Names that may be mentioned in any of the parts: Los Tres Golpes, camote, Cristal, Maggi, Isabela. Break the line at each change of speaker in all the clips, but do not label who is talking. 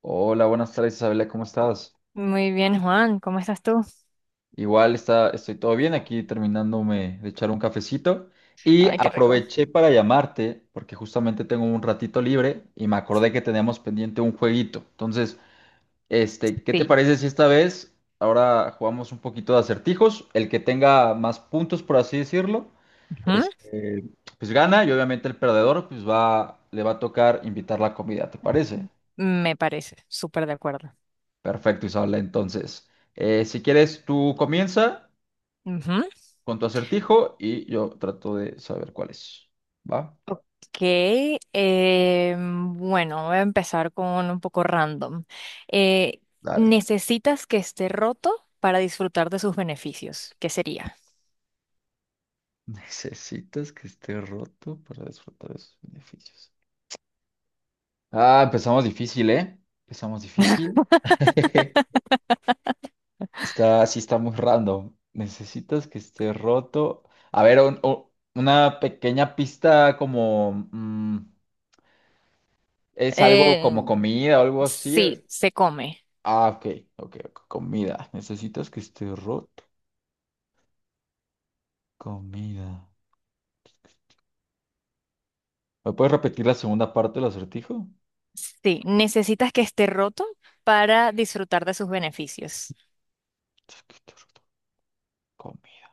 Hola, buenas tardes Isabela, ¿cómo estás?
Muy bien, Juan, ¿cómo estás tú?
Igual está, estoy todo bien aquí terminándome de echar un cafecito y
Ay, qué rico.
aproveché para llamarte porque justamente tengo un ratito libre y me acordé que teníamos pendiente un jueguito. Entonces, ¿qué te
Sí,
parece si esta vez ahora jugamos un poquito de acertijos? El que tenga más puntos, por así decirlo,
ujú.
este, pues gana y obviamente el perdedor pues va, le va a tocar invitar la comida, ¿te parece?
Me parece, súper de acuerdo.
Perfecto, Isabela. Entonces, si quieres, tú comienza
Ujú.
con tu acertijo y yo trato de saber cuál es. ¿Va?
Ok, bueno, voy a empezar con un poco random. Eh,
Dale.
¿Necesitas que esté roto para disfrutar de sus beneficios? ¿Qué sería?
Necesitas que esté roto para disfrutar de sus beneficios. Ah, empezamos difícil, ¿eh? Empezamos difícil. Está, sí está muy random. Necesitas que esté roto. A ver, una pequeña pista como ¿es algo
Eh,
como comida o algo así?
sí, se come.
Ah, ok, ok, comida. ¿Necesitas que esté roto? Comida. ¿Me puedes repetir la segunda parte del acertijo?
Sí, necesitas que esté roto para disfrutar de sus beneficios.
Es que esté roto. Comida.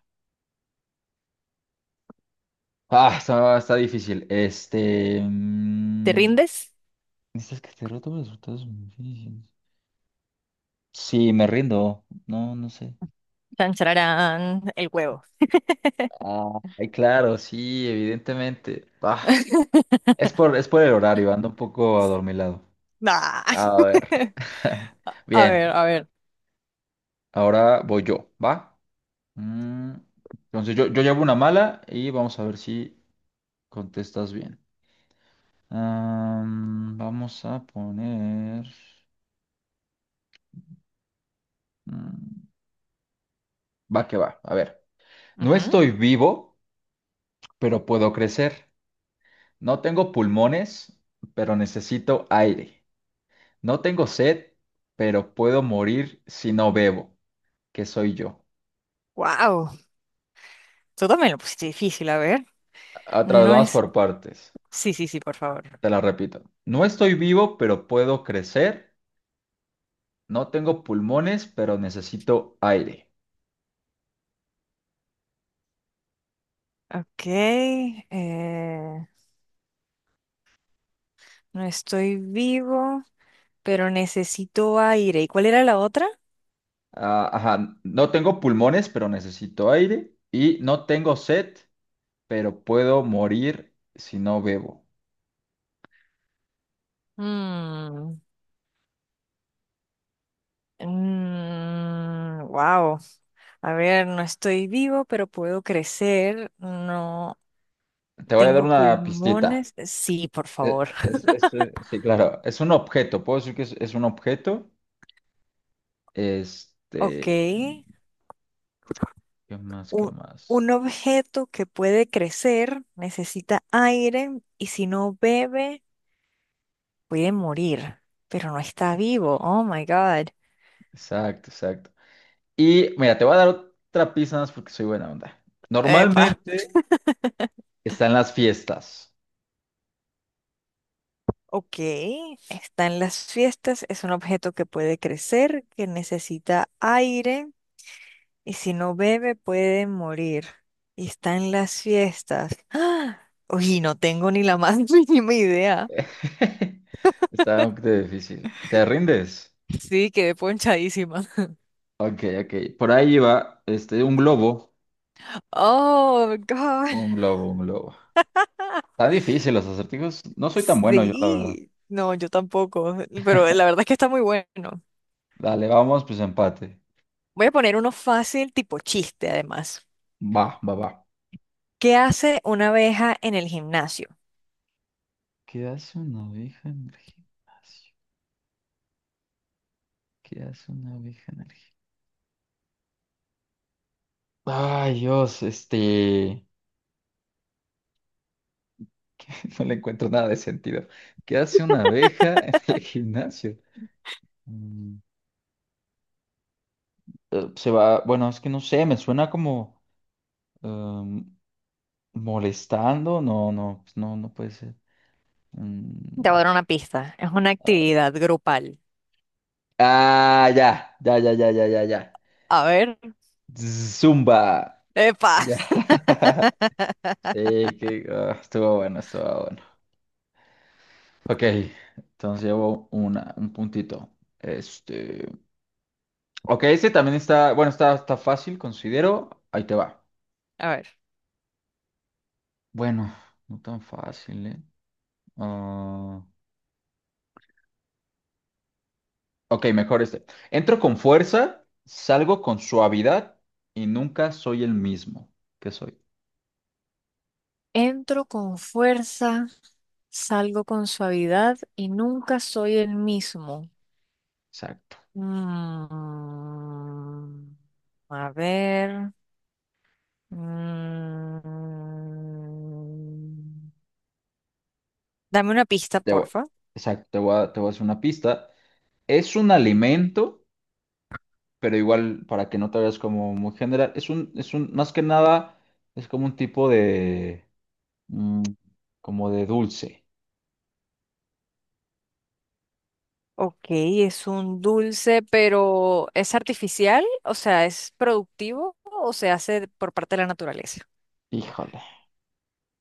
Ah, está, está difícil.
¿Te rindes?
¿Necesitas que esté roto? Los resultados son difíciles. Sí, me rindo. No, no sé.
Tan, chararán, el huevo.
Ah, ay, claro, sí, evidentemente. Ah, es por el horario, ando un poco adormilado.
Nah.
A ver.
A ver,
Bien,
a ver.
ahora voy yo, ¿va? Mm, Entonces yo llevo una mala y vamos a ver si contestas bien. Vamos a poner mm, va que va, a ver. No estoy vivo, pero puedo crecer. No tengo pulmones, pero necesito aire. No tengo sed, pero puedo morir si no bebo. ¿Qué soy yo?
Wow. Tú también lo pusiste difícil, a ver.
Otra vez
No
vamos
es.
por partes.
Sí, sí, sí, por favor.
Te la repito. No estoy vivo, pero puedo crecer. No tengo pulmones, pero necesito aire.
Ok. No estoy vivo, pero necesito aire. ¿Y cuál era la otra?
Ah, ajá, no tengo pulmones, pero necesito aire. Y no tengo sed, pero puedo morir si no bebo.
Mm, mm, wow. A ver, no estoy vivo, pero puedo crecer. No
Te voy a dar
tengo
una pistita.
pulmones. Sí, por favor.
Sí, claro, es un objeto. Puedo decir que es un objeto.
Ok.
Este, ¿qué más? ¿Qué
un,
más?
un objeto que puede crecer, necesita aire y si no bebe puede morir, pero no está vivo. Oh my God.
Exacto, exacto. Y mira, te voy a dar otra pista nada más porque soy buena onda.
Epa.
Normalmente está en las fiestas.
Ok, está en las fiestas, es un objeto que puede crecer, que necesita aire y si no bebe puede morir. Y está en las fiestas. ¡Ah! Uy, no tengo ni la más mínima idea.
Está un poquito difícil. ¿Te rindes?
Sí, quedé ponchadísima.
Ok, ok. Por ahí iba, este, un globo.
Oh, God.
Un globo, un globo. Está difícil los acertijos. No soy tan bueno yo, la verdad.
Sí, no, yo tampoco, pero la verdad es que está muy bueno.
Dale, vamos, pues empate.
Voy a poner uno fácil, tipo chiste, además.
Va, va, va.
¿Qué hace una abeja en el gimnasio?
¿Qué hace una oveja en el gimnasio? ¿Qué hace una oveja en el gimnasio? Ay, Dios, este que no le encuentro nada de sentido. ¿Qué hace una abeja en el gimnasio? Mm, Se va, bueno, es que no sé, me suena como em, molestando. No, no, pues no, no puede ser.
Te
Mm,
voy a dar una pista. Es una actividad grupal.
Ah, ya, ya, ya, ya, ya, ya, ya.
A ver.
Zumba.
¡Epa!
Ya. Sí, que ah, estuvo bueno, estuvo bueno. Ok, entonces llevo una, un puntito. Este. Ok, este también está. Bueno, está, está fácil, considero. Ahí te va.
A ver.
Bueno, no tan fácil, ¿eh? Ah, ok, mejor este. Entro con fuerza, salgo con suavidad y nunca soy el mismo que soy.
Entro con fuerza, salgo con suavidad y nunca soy el mismo.
Exacto.
Mm, a ver. Mm, dame una pista,
Te voy-
porfa.
exacto, te voy a hacer una pista. Es un alimento, pero igual para que no te veas como muy general, es un, más que nada, es como un tipo de, mm, como de dulce.
Ok, es un dulce, pero ¿es artificial? O sea, ¿es productivo o se hace por parte de la naturaleza?
Híjole,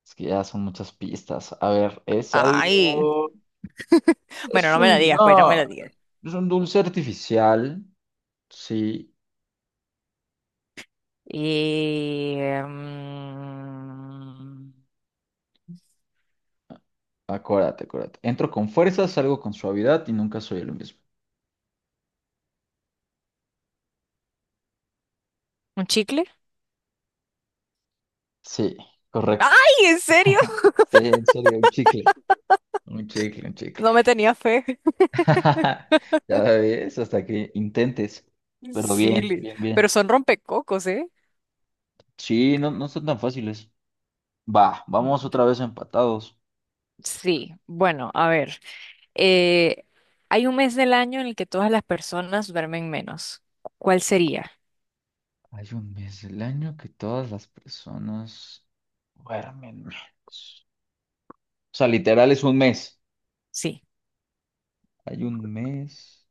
es que ya son muchas pistas. A ver, es
Ay,
algo,
bueno,
es
no me la
un,
digas, pues no me
no,
la digas.
es un dulce artificial, sí,
Y, mm,
acuérdate, acuérdate. Entro con fuerza, salgo con suavidad y nunca soy el mismo.
¿un chicle?
Sí, correcto.
¡Ay, en serio!
Sí, en serio, un chicle. Un chicle, un chicle.
No me tenía fe.
Ya ves, hasta que intentes. Pero
Sí,
bien, bien,
pero
bien.
son rompecocos, ¿eh?
Sí, no, no son tan fáciles. Va,
Bu-
vamos otra vez empatados.
Sí, bueno, a ver. Eh, hay un mes del año en el que todas las personas duermen menos. ¿Cuál sería?
Hay un mes del año que todas las personas duermen menos. O sea, literal es un mes.
Sí.
Hay un mes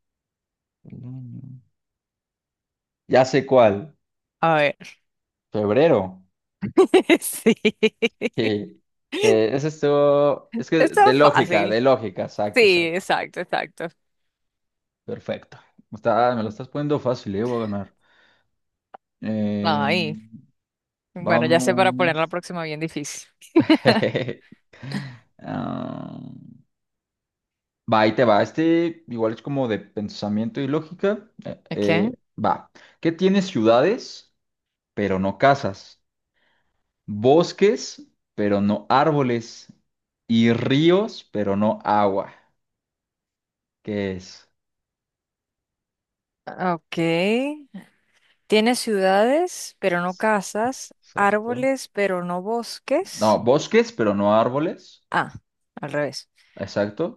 del año. Ya sé cuál.
A ver.
Febrero.
Sí.
Sí. Sí, ese estuvo. Es que
Está fácil.
de lógica, exacto,
Sí,
exacto.
exacto, exacto.
Perfecto. Está, me lo estás poniendo fácil, voy a ganar. Eh,
Ay. Bueno, ya sé para poner la
Vamos.
próxima bien difícil.
Ah, va, ahí te va. Este igual es como de pensamiento y lógica.
Ok.
Va. ¿Qué tiene ciudades, pero no casas? Bosques, pero no árboles. Y ríos, pero no agua. ¿Qué es?
Ok. Tiene ciudades, pero no casas,
Exacto.
árboles, pero no
No,
bosques.
bosques, pero no árboles.
Ah, al revés.
Exacto.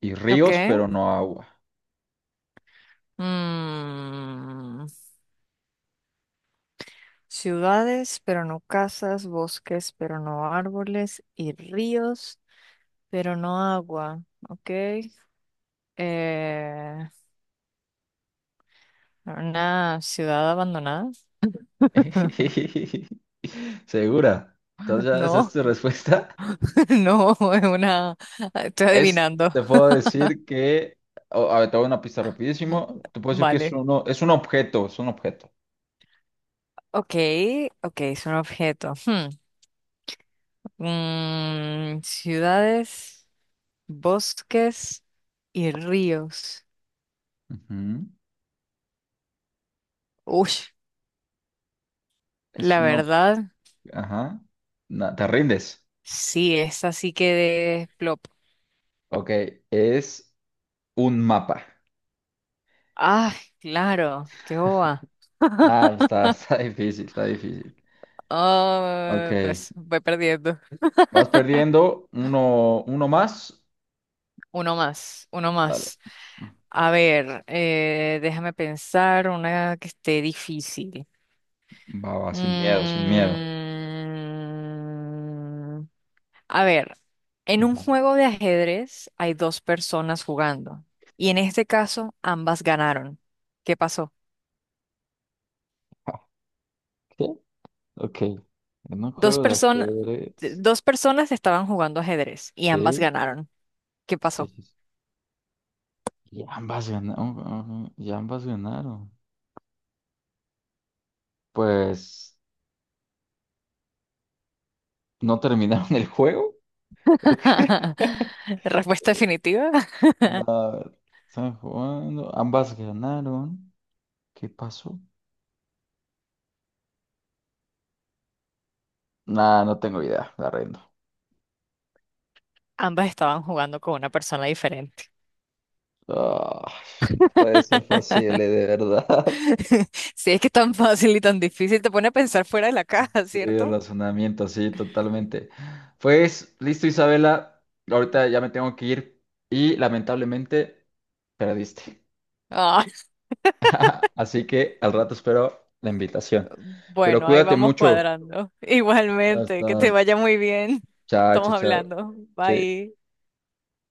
Y
Ok.
ríos, pero no agua.
Mm. Ciudades, pero no casas, bosques, pero no árboles, y ríos, pero no agua. Ok. Eh, una ciudad abandonada.
¿Segura? Entonces, ¿ya esa es
No,
tu respuesta?
no, es una. Estoy adivinando.
Te puedo decir que, a ver, te voy a una pista rapidísimo. Te puedo decir que es
Vale.
uno, es un objeto.
Ok, ok, es un objeto. Hmm, mm, ciudades, bosques y ríos.
Ujú.
Uy,
Es
la
uno,
verdad,
ajá. No, te rindes.
sí, es así que
Ok, es un mapa.
ah, claro, qué boba.
Ah, está, está difícil, está difícil. Ok,
Ah, pues voy perdiendo.
vas perdiendo uno, uno más.
Uno más, uno
Dale.
más. A ver, déjame pensar una que esté difícil.
Va, va, sin miedo, sin miedo.
Mm, a ver, en un
Ujú.
juego de ajedrez hay dos personas jugando y en este caso ambas ganaron. ¿Qué pasó?
¿Qué? Ok, ok. En un
Dos
juego de
personas,
ajedrez.
dos personas estaban jugando ajedrez y ambas
Sí.
ganaron. ¿Qué
Sí,
pasó?
sí, sí. Y ambas ganaron. Y ambas ganaron. Pues, ¿no terminaron el juego? ¿O qué?
Respuesta definitiva.
No, están jugando. Ambas ganaron. ¿Qué pasó? Nah, no tengo idea. La rindo.
Ambas estaban jugando con una persona diferente.
Ah, no puede ser fácil, de verdad.
Si es que es tan fácil y tan difícil, te pone a pensar fuera de la caja,
Sí, el
¿cierto?
razonamiento, sí, totalmente. Pues, listo, Isabela. Ahorita ya me tengo que ir. Y lamentablemente, perdiste.
Ah,
Así que al rato espero la invitación. Pero
bueno, ahí
cuídate
vamos
mucho.
cuadrando.
Ya
Igualmente, que te
estás.
vaya muy bien.
Chao,
Estamos
chao, chao.
hablando.
Sí.
Bye.